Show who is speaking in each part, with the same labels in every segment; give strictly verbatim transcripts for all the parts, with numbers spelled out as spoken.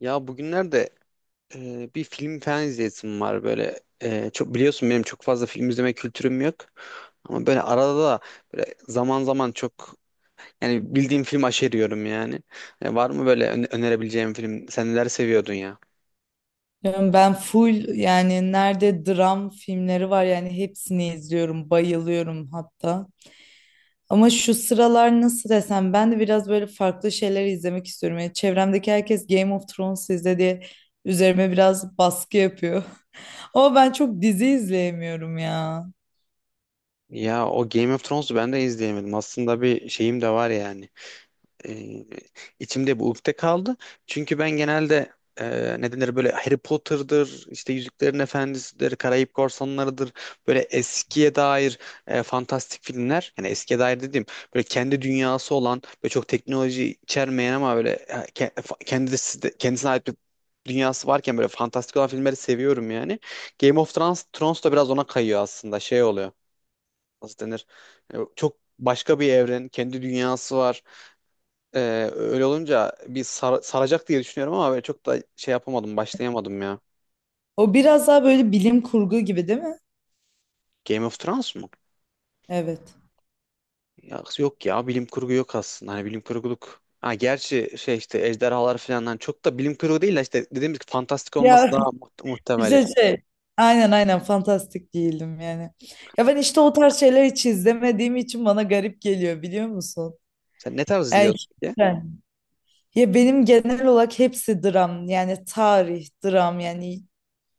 Speaker 1: Ya bugünlerde e, bir film falan izleyesim var böyle. E, çok biliyorsun benim çok fazla film izleme kültürüm yok. Ama böyle arada da böyle zaman zaman çok yani bildiğim film aşeriyorum yani. E, var mı böyle öne- önerebileceğim film? Sen neler seviyordun ya?
Speaker 2: Yani ben full yani nerede dram filmleri var yani hepsini izliyorum, bayılıyorum hatta. Ama şu sıralar nasıl desem ben de biraz böyle farklı şeyler izlemek istiyorum. Yani çevremdeki herkes Game of Thrones izle diye üzerime biraz baskı yapıyor. Ama ben çok dizi izleyemiyorum ya.
Speaker 1: Ya o Game of Thrones'u ben de izleyemedim. Aslında bir şeyim de var yani. e, içimde bu ukde kaldı. Çünkü ben genelde e, ne denir böyle Harry Potter'dır, işte Yüzüklerin Efendisi'dir, Karayip Korsanları'dır. Böyle eskiye dair e, fantastik filmler. Yani eskiye dair dediğim böyle kendi dünyası olan ve çok teknoloji içermeyen ama böyle e, ke- e, fa- kendisi de- kendisine ait bir dünyası varken böyle fantastik olan filmleri seviyorum yani. Game of Thrones, Thrones da biraz ona kayıyor aslında. Şey oluyor. Nasıl denir? E, Çok başka bir evren, kendi dünyası var. Ee, Öyle olunca bir sar- saracak diye düşünüyorum ama böyle çok da şey yapamadım, başlayamadım ya.
Speaker 2: O biraz daha böyle bilim kurgu gibi değil mi?
Speaker 1: Game of Thrones mu?
Speaker 2: Evet.
Speaker 1: Ya, yok ya, bilim kurgu yok aslında. Hani bilim kurguluk. Ha, gerçi şey işte ejderhalar falan hani çok da bilim kurgu değil de işte dediğimiz gibi fantastik olması
Speaker 2: Ya
Speaker 1: daha muht- muhtemel ya.
Speaker 2: işte şey. Aynen aynen fantastik değilim yani. Ya ben işte o tarz şeyler hiç izlemediğim için bana garip geliyor biliyor musun?
Speaker 1: Sen ne tarz izliyordun peki?
Speaker 2: Erkekler. Ya benim genel olarak hepsi dram yani tarih dram yani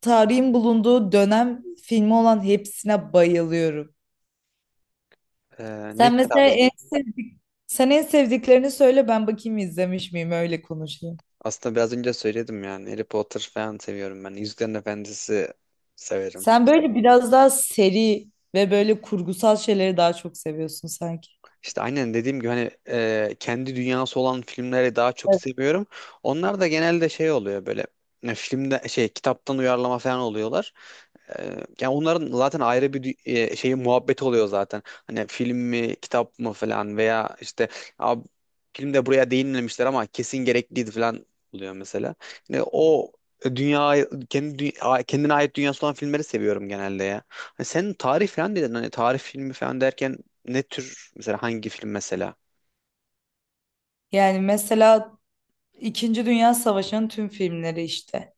Speaker 2: tarihin bulunduğu dönem filmi olan hepsine bayılıyorum.
Speaker 1: Ee, ne
Speaker 2: Sen mesela
Speaker 1: tarz?
Speaker 2: en sevdik Sen en sevdiklerini söyle, ben bakayım izlemiş miyim, öyle konuşayım.
Speaker 1: Aslında biraz önce söyledim yani Harry Potter falan seviyorum ben. Yüzüklerin Efendisi severim.
Speaker 2: Sen böyle biraz daha seri ve böyle kurgusal şeyleri daha çok seviyorsun sanki.
Speaker 1: İşte aynen dediğim gibi hani e, kendi dünyası olan filmleri daha çok
Speaker 2: Evet.
Speaker 1: seviyorum. Onlar da genelde şey oluyor böyle e, filmde şey kitaptan uyarlama falan oluyorlar. Ee, Yani onların zaten ayrı bir dü- e, şeyi muhabbet oluyor zaten. Hani film mi, kitap mı falan veya işte "Abi, filmde buraya değinmemişler ama kesin gerekliydi falan oluyor mesela. Yani o dünya kendi dü- a- kendine ait dünyası olan filmleri seviyorum genelde ya. Hani sen tarih falan dedin hani tarih filmi falan derken ne tür mesela hangi film mesela?
Speaker 2: Yani mesela İkinci Dünya Savaşı'nın tüm filmleri işte.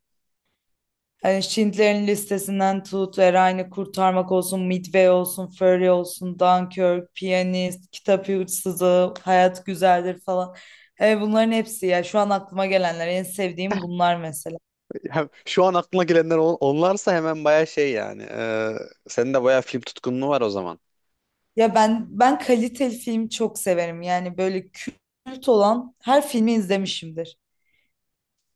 Speaker 2: Hani Schindler'in listesinden tut, Erayn'ı kurtarmak olsun, Midway olsun, Fury olsun, Dunkirk, Piyanist, Kitap Hırsızı, Hayat Güzeldir falan. Evet, bunların hepsi, ya şu an aklıma gelenler, en sevdiğim bunlar mesela.
Speaker 1: Ya şu an aklına gelenler on- onlarsa hemen baya şey yani. Ee, senin de baya film tutkunluğu var o zaman.
Speaker 2: Ya ben ben kaliteli film çok severim. Yani böyle kült olan her filmi izlemişimdir.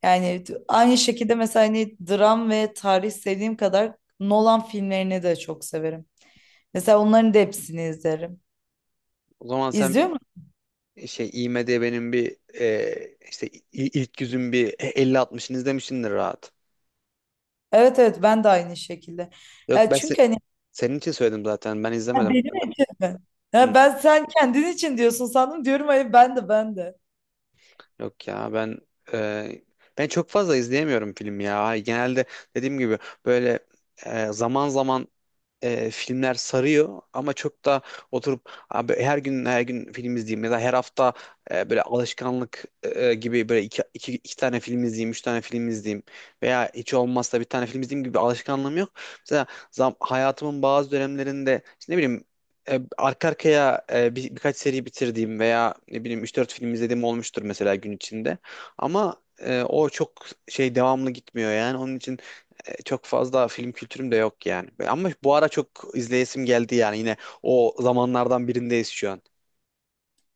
Speaker 2: Yani t- aynı şekilde mesela hani dram ve tarih sevdiğim kadar Nolan filmlerini de çok severim. Mesela onların da hepsini izlerim.
Speaker 1: O zaman sen
Speaker 2: İzliyor.
Speaker 1: bir şey I M D B'nin benim bir e, işte i- ilk yüzün bir elli altmışını izlemişsindir rahat.
Speaker 2: Evet evet, ben de aynı şekilde.
Speaker 1: Yok
Speaker 2: Ya
Speaker 1: ben se-
Speaker 2: çünkü hani.
Speaker 1: senin için söyledim zaten. Ben
Speaker 2: Ha,
Speaker 1: izlemedim.
Speaker 2: benim için mi?
Speaker 1: Hı.
Speaker 2: Ya ben sen kendin için diyorsun sandım, diyorum hayır, ben de ben de.
Speaker 1: Yok ya ben e, ben çok fazla izleyemiyorum film ya. Genelde dediğim gibi böyle e, zaman zaman e, filmler sarıyor ama çok da oturup abi her gün her gün film izleyeyim ya da her hafta e, böyle alışkanlık e, gibi böyle iki, iki, iki tane film izleyeyim, üç tane film izleyeyim veya hiç olmazsa bir tane film izleyeyim gibi bir alışkanlığım yok. Mesela zam, hayatımın bazı dönemlerinde işte ne bileyim e, arka arkaya e, bir, birkaç seri bitirdiğim veya ne bileyim üç dört film izlediğim olmuştur mesela gün içinde. Ama e, o çok şey devamlı gitmiyor yani. Onun için e, çok fazla film kültürüm de yok yani. Ama bu ara çok izleyesim geldi yani yine o zamanlardan birindeyiz şu an.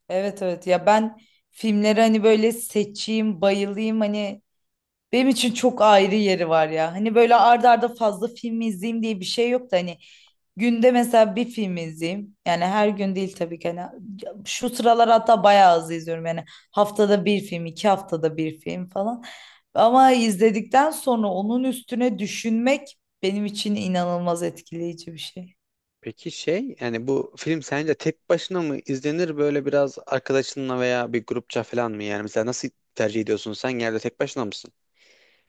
Speaker 2: Evet evet, ya ben filmleri hani böyle seçeyim bayılayım hani. Benim için çok ayrı yeri var ya. Hani böyle arda arda fazla film izleyeyim diye bir şey yok da hani günde mesela bir film izleyeyim. Yani her gün değil tabii ki. Hani şu sıralar hatta bayağı az izliyorum. Yani haftada bir film, iki haftada bir film falan. Ama izledikten sonra onun üstüne düşünmek benim için inanılmaz etkileyici bir şey.
Speaker 1: Peki şey yani bu film sence tek başına mı izlenir böyle biraz arkadaşınla veya bir grupça falan mı yani mesela nasıl tercih ediyorsun sen genelde tek başına mısın?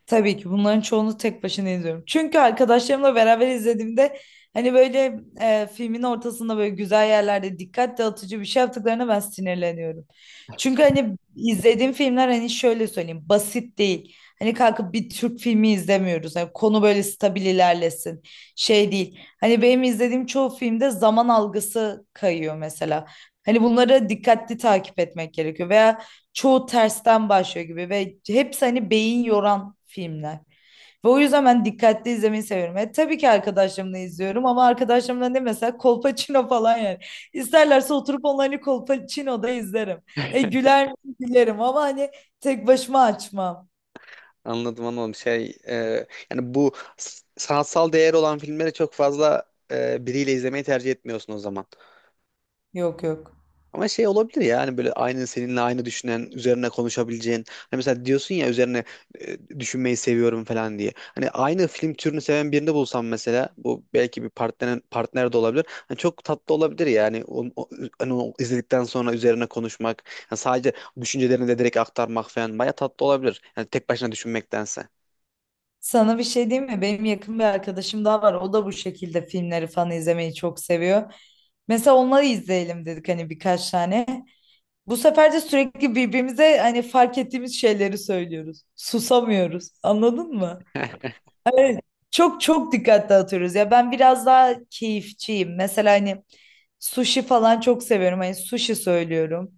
Speaker 2: Tabii ki bunların çoğunu tek başına izliyorum. Çünkü arkadaşlarımla beraber izlediğimde hani böyle, e, filmin ortasında böyle güzel yerlerde dikkat dağıtıcı bir şey yaptıklarına ben sinirleniyorum. Çünkü hani izlediğim filmler, hani şöyle söyleyeyim, basit değil. Hani kalkıp bir Türk filmi izlemiyoruz. Hani konu böyle stabil ilerlesin. Şey değil. Hani benim izlediğim çoğu filmde zaman algısı kayıyor mesela. Hani bunlara dikkatli takip etmek gerekiyor. Veya çoğu tersten başlıyor gibi ve hepsi hani beyin yoran filmler. Ve o yüzden ben dikkatli izlemeyi seviyorum. E, tabii ki arkadaşlarımla izliyorum ama arkadaşlarımla ne mesela, Kolpaçino falan yani. İsterlerse oturup onlarla Kolpaçino'da izlerim. E, güler miyim? Gülerim ama hani tek başıma açmam.
Speaker 1: Anladım anladım şey e, yani bu s- sanatsal değeri olan filmleri çok fazla e, biriyle izlemeyi tercih etmiyorsun o zaman.
Speaker 2: Yok yok.
Speaker 1: Ama şey olabilir ya hani böyle aynı seninle aynı düşünen, üzerine konuşabileceğin. Hani mesela diyorsun ya üzerine e, düşünmeyi seviyorum falan diye. Hani aynı film türünü seven birini bulsam mesela bu belki bir partner partner de olabilir. Hani çok tatlı olabilir yani. Onu, o- hani o izledikten sonra üzerine konuşmak, yani sadece düşüncelerini de direkt aktarmak falan baya tatlı olabilir. Yani tek başına düşünmektense.
Speaker 2: Sana bir şey diyeyim mi? Benim yakın bir arkadaşım daha var. O da bu şekilde filmleri falan izlemeyi çok seviyor. Mesela onları izleyelim dedik hani, birkaç tane. Bu sefer de sürekli birbirimize hani fark ettiğimiz şeyleri söylüyoruz. Susamıyoruz. Anladın mı? Çok çok dikkat dağıtıyoruz. Ya ben biraz daha keyifçiyim. Mesela hani sushi falan çok seviyorum. Hani sushi söylüyorum.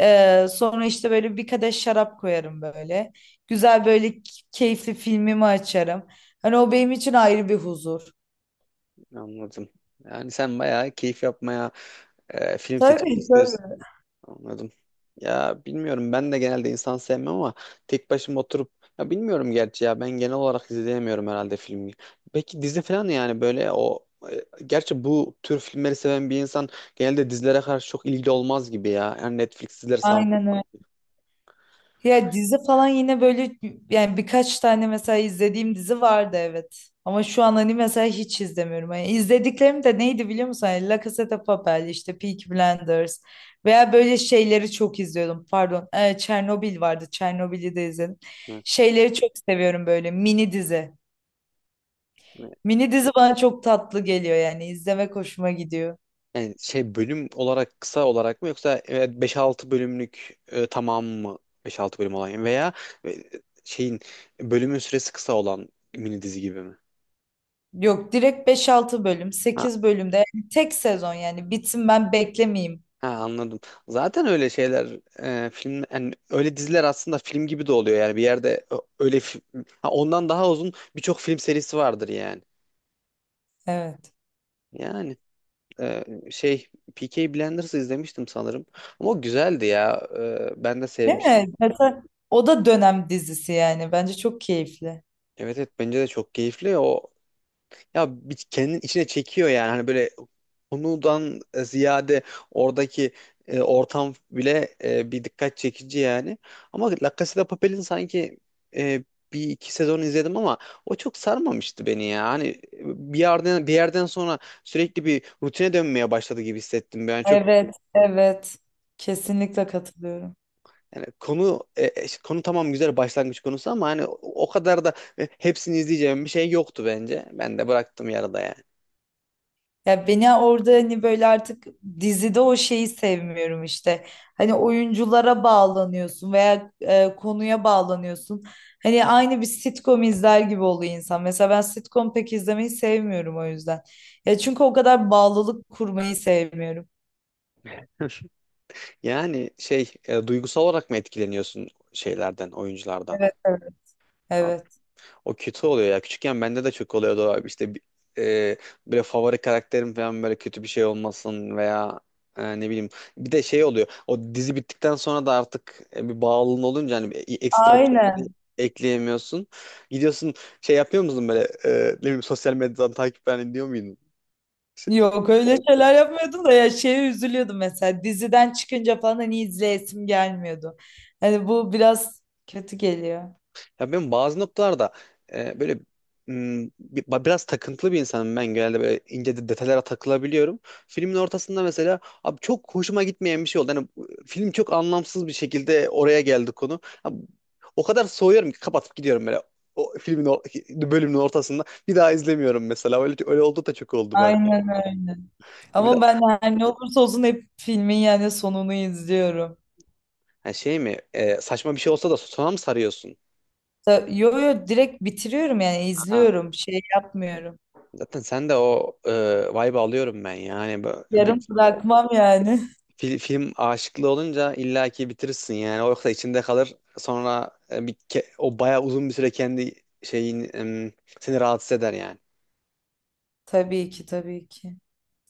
Speaker 2: Ee, sonra işte böyle bir kadeh şarap koyarım böyle. Güzel böyle keyifli filmimi açarım. Hani o benim için ayrı bir huzur.
Speaker 1: Anladım. Yani sen bayağı keyif yapmaya e, film seçip
Speaker 2: Tabii
Speaker 1: izliyorsun.
Speaker 2: tabii.
Speaker 1: Anladım. Ya bilmiyorum ben de genelde insan sevmem ama tek başıma oturup ya bilmiyorum gerçi ya ben genel olarak izleyemiyorum herhalde filmi. Peki dizi falan yani böyle o e, gerçi bu tür filmleri seven bir insan genelde dizilere karşı çok ilgili olmaz gibi ya. Yani Netflix dizileri sarmaz.
Speaker 2: Aynen öyle. Ya dizi falan yine böyle, yani birkaç tane mesela izlediğim dizi vardı evet. Ama şu an hani mesela hiç izlemiyorum. Yani izlediklerim de neydi biliyor musun? Yani La Casa de Papel, işte Peaky Blinders veya böyle şeyleri çok izliyordum. Pardon, e, Çernobil vardı. Çernobil'i de izledim.
Speaker 1: Evet.
Speaker 2: Şeyleri çok seviyorum böyle, mini dizi. Mini dizi bana çok tatlı geliyor, yani izlemek hoşuma gidiyor.
Speaker 1: Yani şey bölüm olarak kısa olarak mı yoksa evet beş altı bölümlük e, tamam mı? Beş altı bölüm olan veya e, şeyin bölümün süresi kısa olan mini dizi gibi mi?
Speaker 2: Yok, direkt beş altı bölüm, sekiz bölümde yani, tek sezon yani, bitsin ben beklemeyeyim.
Speaker 1: Ha, anladım. Zaten öyle şeyler e, film yani öyle diziler aslında film gibi de oluyor yani bir yerde ö- öyle fi- ha, ondan daha uzun birçok film serisi vardır yani.
Speaker 2: Evet.
Speaker 1: Yani e, şey Peaky Blinders'ı izlemiştim sanırım ama o güzeldi ya. E, ben de
Speaker 2: Değil
Speaker 1: sevmiştim.
Speaker 2: mi? Mesela o da dönem dizisi yani. Bence çok keyifli.
Speaker 1: Evet, evet, bence de çok keyifli o. Ya bir kendin içine çekiyor yani hani böyle konudan ziyade oradaki e, ortam bile e, bir dikkat çekici yani. Ama La Casa de Papel'in sanki e, bir iki sezon izledim ama o çok sarmamıştı beni ya. Hani e, bir yerden bir yerden sonra sürekli bir rutine dönmeye başladı gibi hissettim. Ben çok.
Speaker 2: Evet, evet. Kesinlikle katılıyorum.
Speaker 1: Yani konu e, e, işte konu tamam güzel başlangıç konusu ama hani o o kadar da e, hepsini izleyeceğim bir şey yoktu bence. Ben de bıraktım yarıda yani.
Speaker 2: Ya beni orada hani böyle artık dizide o şeyi sevmiyorum işte. Hani oyunculara bağlanıyorsun veya e, konuya bağlanıyorsun. Hani aynı bir sitcom izler gibi oluyor insan. Mesela ben sitcom pek izlemeyi sevmiyorum o yüzden. Ya çünkü o kadar bağlılık kurmayı sevmiyorum.
Speaker 1: Yani şey e, duygusal olarak mı etkileniyorsun şeylerden, oyunculardan?
Speaker 2: Evet, evet. Evet.
Speaker 1: O kötü oluyor ya. Küçükken bende de çok oluyordu abi. İşte bi- e, böyle favori karakterim falan böyle kötü bir şey olmasın veya e, ne bileyim. Bir de şey oluyor. O dizi bittikten sonra da artık e, bir bağlılığın olunca hani bir- e, ekstra bir şey
Speaker 2: Aynen.
Speaker 1: ekleyemiyorsun. Gidiyorsun şey yapıyor musun böyle e, ne bileyim sosyal medyadan takip falan ediyor muydun?
Speaker 2: Yok öyle
Speaker 1: Şey,
Speaker 2: şeyler yapmıyordum da, ya şeye üzülüyordum mesela, diziden çıkınca falan hani izleyesim gelmiyordu. Hani bu biraz kötü geliyor.
Speaker 1: Ya ben bazı noktalarda e, böyle m, bi- ba- biraz takıntılı bir insanım ben genelde böyle ince de- detaylara takılabiliyorum. Filmin ortasında mesela abi çok hoşuma gitmeyen bir şey oldu. Yani bu- film çok anlamsız bir şekilde oraya geldi konu. Abi o kadar soğuyorum ki kapatıp gidiyorum böyle. O filmin o bölümün ortasında bir daha izlemiyorum mesela. Öyle öyle oldu da çok oldu bende.
Speaker 2: Aynen öyle. Ama
Speaker 1: Biraz
Speaker 2: ben her ne olursa olsun hep filmin yani sonunu izliyorum.
Speaker 1: ha şey mi e, saçma bir şey olsa da sona mı sarıyorsun?
Speaker 2: Ta- Yo yo, direkt bitiriyorum yani,
Speaker 1: Ha.
Speaker 2: izliyorum, şey yapmıyorum.
Speaker 1: Zaten sen de o e, vibe'ı alıyorum ben yani.
Speaker 2: Yarım bırakmam yani.
Speaker 1: Fil- film aşıklı olunca illaki bitirirsin yani. O yoksa içinde kalır. Sonra e, bir ke- o bayağı uzun bir süre kendi şeyin em, seni rahatsız eder yani.
Speaker 2: Tabii ki tabii ki.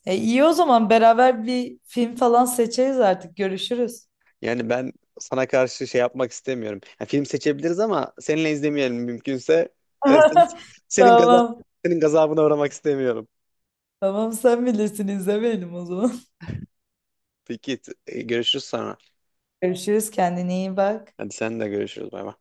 Speaker 2: E iyi o zaman, beraber bir film falan seçeriz artık, görüşürüz.
Speaker 1: Yani ben sana karşı şey yapmak istemiyorum. Yani film seçebiliriz ama seninle izlemeyelim mümkünse. E, sen- senin gaza-
Speaker 2: Tamam.
Speaker 1: senin gazabına uğramak istemiyorum.
Speaker 2: Tamam sen bilirsin, izlemeyelim o zaman.
Speaker 1: Peki t- e, görüşürüz sonra.
Speaker 2: Görüşürüz, kendine iyi bak.
Speaker 1: Hadi sen de görüşürüz bay bay.